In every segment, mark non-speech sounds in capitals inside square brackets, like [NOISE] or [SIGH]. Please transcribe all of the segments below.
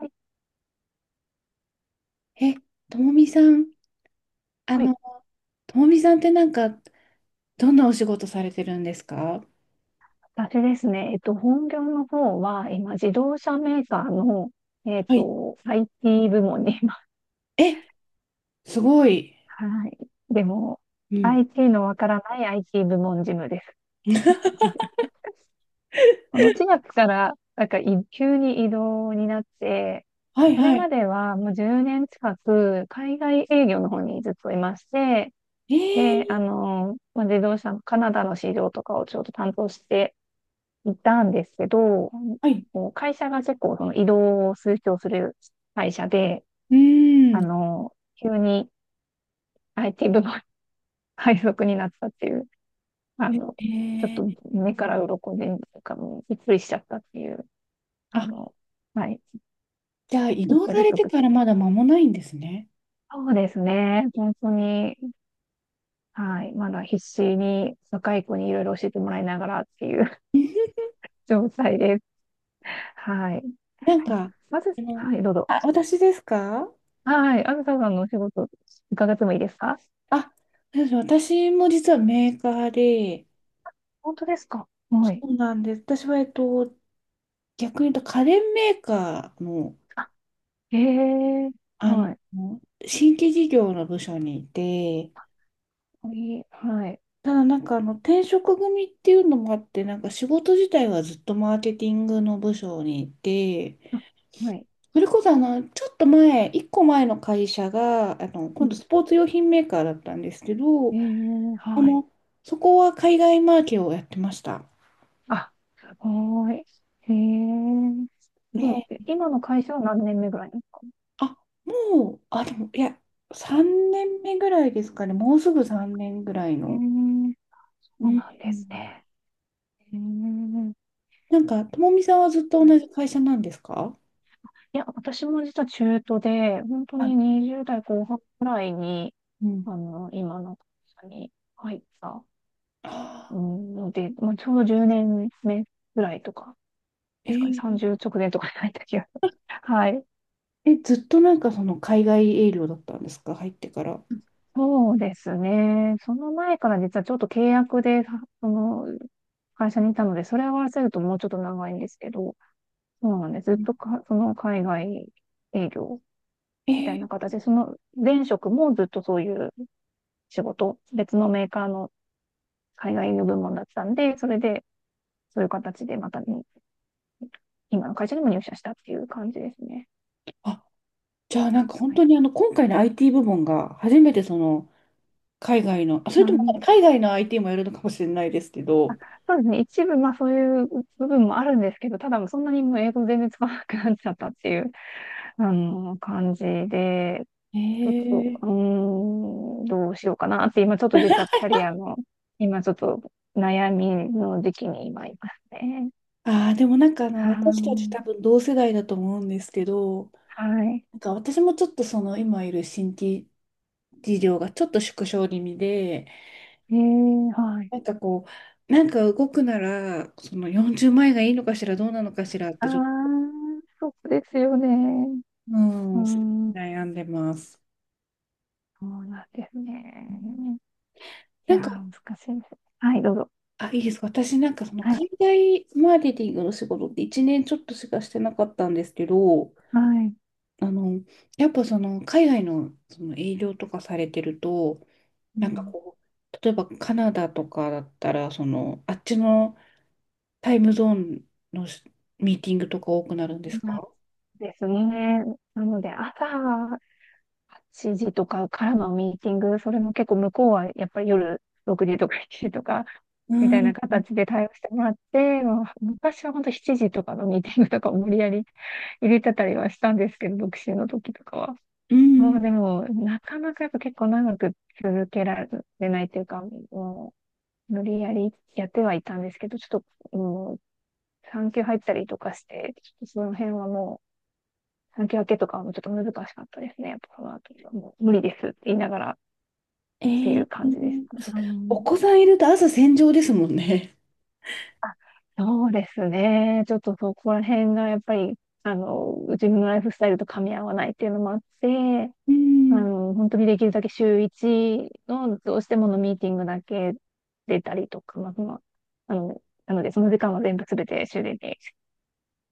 はい、え、ともみさん、あはい、の、ともみさんってなんか、どんなお仕事されてるんですか？私ですね、本業の方は、今、自動車メーカーの、はい。IT 部門に、今、え、すごい。はい。でも、うん。IT のわからない IT 部門事務です。[LAUGHS] [LAUGHS] この4月から、なんか、急に異動になって、はいこれはい。まではもう10年近く、海外営業の方にずっといまして、えで、ー、まあ、自動車のカナダの市場とかをちょっと担当していたんですけど、はい。こう会社が結構その移動を推奨する会社で、うーあん。の、急に IT 部門 [LAUGHS] 配属になったっていう、あの、えちょっとー、目から鱗で、なんかもうびっくりしちゃったっていう、ああ、の、はい、じゃあ、移1動ヶされつて送っかてまらす。まだ間もないんですね。そうですね。本当に、はい。まだ必死に若い子にいろいろ教えてもらいながらっていう [LAUGHS] 状態です。はい。なんあ、か、まず、あの、はい、どうぞ。あ、私ですか？はい。あずささんのお仕事伺ってもいいですか？あ、そうです。私も実はメーカーで、本当ですか？そはい。うなんです。私は、逆に言うと家電メーカーのええ、あの、はい。新規事業の部署にいて、いい、はい。ただなんかあの転職組っていうのもあって、なんか仕事自体はずっとマーケティングの部署にいて、あ、はい。それこそちょっと前、一個前の会社が、今度スポーツ用品メーカーだったんですけど、ええ、あはい。の、そこは海外マーケをやってました。あ、すごい。ええ、どね、う、え、今の会社は何年目ぐらいなんですか？あ、もう、あ、でも、いや、3年目ぐらいですかね、もうすぐ3年ぐらいえの。え、うそうん。なんですね。ええ、なんか、ともみさんはずっとは同い。じ会社なんですか？いや、私も実は中途で、本当はにい。20代後半ぐらいに、うん。今の会社に入ったうあんので、まあ、ちょうど10年目ぐらいとかーですかね。えー30直前とかじゃない時が。[LAUGHS] はい。え、ずっとなんかその海外営業だったんですか？入ってから。そうですね。その前から実はちょっと契約で、その会社にいたので、それを合わせるともうちょっと長いんですけど、そうなんです。ずうっん。とか、その海外営業えみたいーな形で、その前職もずっとそういう仕事、別のメーカーの海外営業部門だったんで、それでそういう形でまたに今の会社にも入社したっていう感じですね。あ、じゃあなんか本は当い。に今回の IT 部門が初めてその、海外の、あ、それなともんで、海外の IT もやるのかもしれないですけど、そうですね。一部、まあそういう部分もあるんですけど、ただもうそんなにもう英語全然使わなくなっちゃったっていう、感じで、えちょっと、ー、どうしようかなって、今ちょっと実はキャリアの、今ちょっと悩みの時期に今いますね。でもなんかは私たちーい。多分同世代だと思うんですけど、はい。なんか私もちょっとその今いる新規事業がちょっと縮小気味で、えー、はい。なんかこう、なんか動くなら、その40円がいいのかしら、どうなのかしらっあて、ー、ちょっと、そうですよね。ううーん、ん、悩んでます。そうなんですうん。ね。いなやー、んか、難しいです。はい、どうぞ。あ、いいです。私なんかそのはい。海外マーケティングの仕事って1年ちょっとしかしてなかったんですけど、はい。あの、やっぱその海外のその営業とかされてると、うなんかんこう、例えばカナダとかだったら、その、あっちのタイムゾーンのミーティングとか多くなるんですか？ですね。なので、朝8時とかからのミーティング、それも結構向こうはやっぱり夜6時とか7時とか、うみたいん。な形で対応してもらって、もう昔は本当7時とかのミーティングとかを無理やり入れてたりはしたんですけど、独身の時とかは。うもん。うでも、なかなかやっぱ結構長く続けられないというか、もう無理やりやってはいたんですけど、ちょっと、もう産休入ったりとかして、ちょっとその辺はもう、産休明けとかはもうちょっと難しかったですね。やっぱそのあたりはもう無理ですって言いながらっえていう感じです。ー、うおん、子さんいると朝戦場ですもんね。あ、そうですね。ちょっとそこら辺がやっぱり、自分のライフスタイルと噛み合わないっていうのもあって、うん。本当にできるだけ週1のどうしてものミーティングだけ出たりとか、まあ、まあ、なのでその時間は全部すべて終電に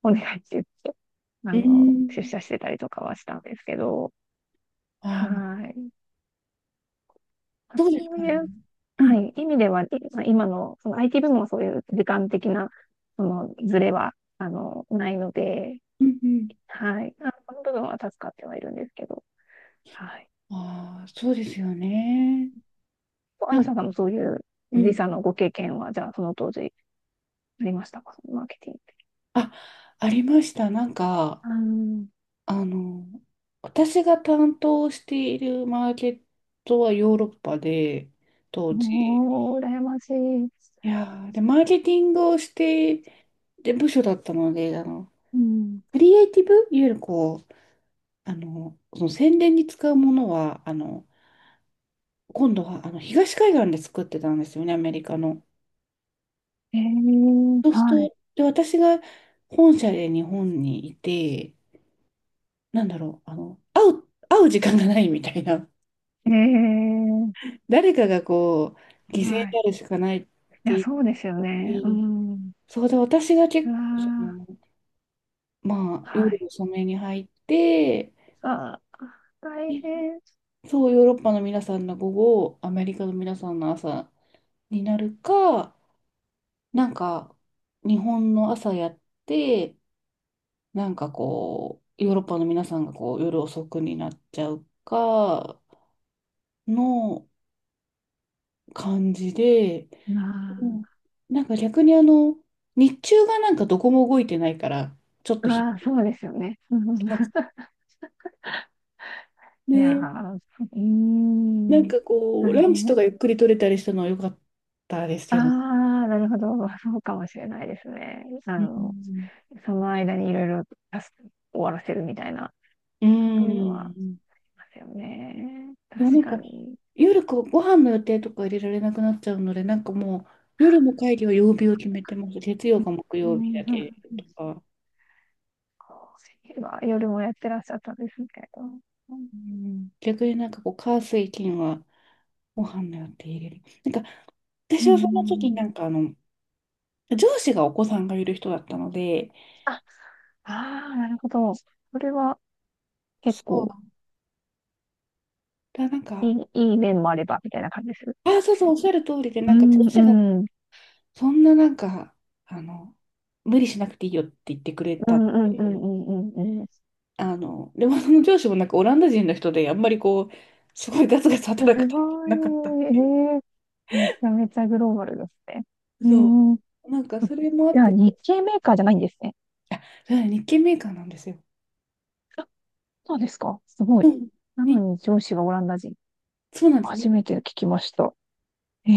お願いって言って、う出ん。社してたりとかはしたんですけど、ああ、はい。あ、そうですそうからいね。う、うん。はい、意味では、まあ今の、その IT 部門はそういう時間的な、その、ズレは、ないので、うん。うん。はい。あ、この部分は助かってはいるんですけど、はい。ああ、そうですよね。アなンさんもそういうう時ん。差のご経験は、じゃあ、その当時、ありましたか？そのマーケティング。あ、ありました。なんか、ああの、私が担当しているマーケットはヨーロッパで、当ー、時。もう、羨ましいです。いやーで、マーケティングをして、で、部署だったので、うん。クリエイティブ、いわゆるこう、その宣伝に使うものは、今度はあの東海岸で作ってたんですよね、アメリカの。えー、そうするはい。と、で、私が本社で日本にいて、なんだろう、会う時間がないみたいな。えー、[LAUGHS] 誰かがこう、犠牲にはい。なるしかないっいてや、言っそうですよね。うて、ん。そうで、私がう結構、そわの、まあ、ー、は夜い。遅めに入って、さあ、大変。そう、ヨーロッパの皆さんの午後、アメリカの皆さんの朝になるか、なんか、日本の朝やって、なんかこう、ヨーロッパの皆さんがこう、夜遅くになっちゃうか、の感じで、うまん。なんか逆に日中がなんかどこも動いてないから、ちょっとあ、ああ、そうですよね。[LAUGHS] うん、いやね、ー、うーなんん、かこう、大ランチと変。かゆっくり取れたりしたのは良かったですあけど。あ、なるほど。そうかもしれないですね。うん。その間にいろいろタスク終わらせるみたいな、うそういうのはありん。ますよね。でもな確んかか、に。夜こうご飯の予定とか入れられなくなっちゃうので、なんかもう、夜の会議は曜日を決めてます。月曜か木う曜日だん、そけとか。うは夜もやってらっしゃったんですね。うん、うん、逆になんかこう、火水金はご飯の予定入れる。なんか、私うはその時にん、なんか上司がお子さんがいる人だったので、あ、ああ、なるほど。それは結そ構う、だなんか、いい面もあれば、みたいな感じです。あ、そうそう、おっしゃる通りで、うなんか上ん、う司がん、うん、そんななんか、あの、無理しなくていいよって言ってくれうたん、のうん、うで、ん、うんうん。レモンの上司もなんかオランダ人の人で、あんまりこう、すごいガツガツ働すくタイプじごゃなかったっい、ていめちゃめちゃグローバルですね。う。うそん、う。なんかそれもあじっゃあて、日系メーカーじゃないんですね。あ、それは日系メーカーなんですよ。あ、そうですか。すごうい。ん。なに、のに上司がオランダ人。そうなんですね。初めて聞きました。ええ、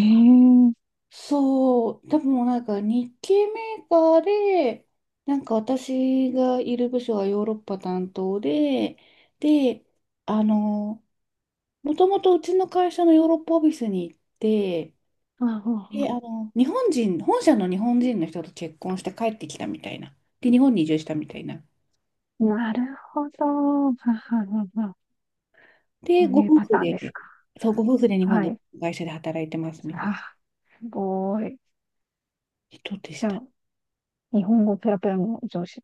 そう、多分なんか日系メーカーで、なんか私がいる部署はヨーロッパ担当で、で、あの、もともとうちの会社のヨーロッパオフィスに行って、あ、で、あ、日本人、本社の日本人の人と結婚して帰ってきたみたいな。で、日本に移住したみたいな。あ、なるほど。はは、はは、こで、うごいう夫パタ婦ーンで、ですか？そう、ご夫婦で日本はでい。会社で働いてますみたいあ、すごい。な人でしじゃた。あ、日本語ペラペラの上司。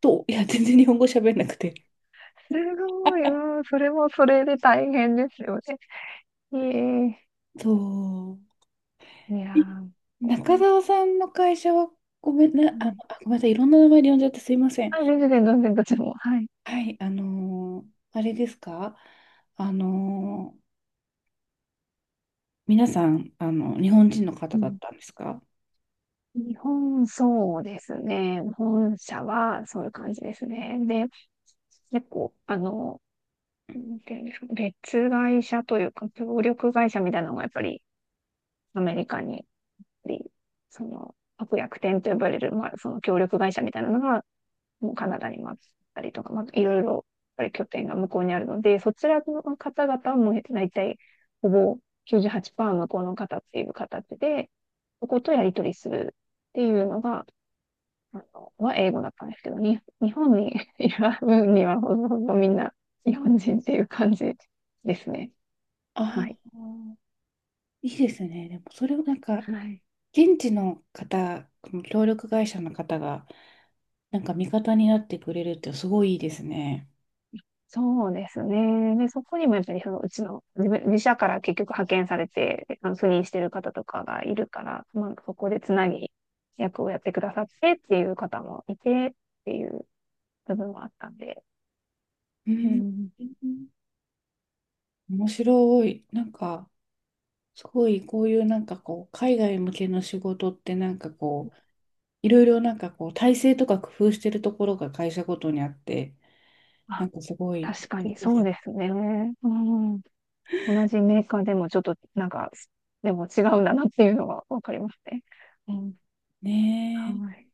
いや、全然日本語喋れなくて。すごい、うん、それもそれで大変ですよね。えそえ、いやう。ー、これ、中澤さんの会社は、はい、ごめんなさい、いろんな名前で呼んじゃってすいません。あ、全然全然、全然、どっちも。はい。はい、あれですか？あのー皆さん、日本人の方うだっん。たんですか？日本、そうですね。本社は、そういう感じですね。で、結構、なんていうんですか、別会社というか、協力会社みたいなのがやっぱりアメリカにり、その、悪役店と呼ばれる、まあ、その協力会社みたいなのが、もうカナダにもあったりとか、まあ、いろいろ、やっぱり拠点が向こうにあるので、そちらの方々はもう大体、ほぼ98%向こうの方っていう形で、そことやり取りするっていうのが、は英語だったんですけど、に、日本にいる分にはほぼほぼみんな日本人っていう感じですね。あはい。あー。いいですね。でも、それをなんか、はい。現地の方、この協力会社の方が、なんか味方になってくれるってすごいいいですね。そうですね。で、そこにもやっぱりそのうちの自社から結局派遣されて、あの赴任してる方とかがいるから、まあ、そこでつなぎ役をやってくださってっていう方もいてっていう部分もあったんで。ううん。ん。面白い。なんか、すごいこういうなんかこう、海外向けの仕事ってなんかこう、いろいろなんかこう、体制とか工夫してるところが会社ごとにあって、なあ、んかすごい、い確かいにでそうすですね。うん。同じメーカーでもちょっとなんか、でも違うんだなっていうのはわかりますね。うん。ねはい。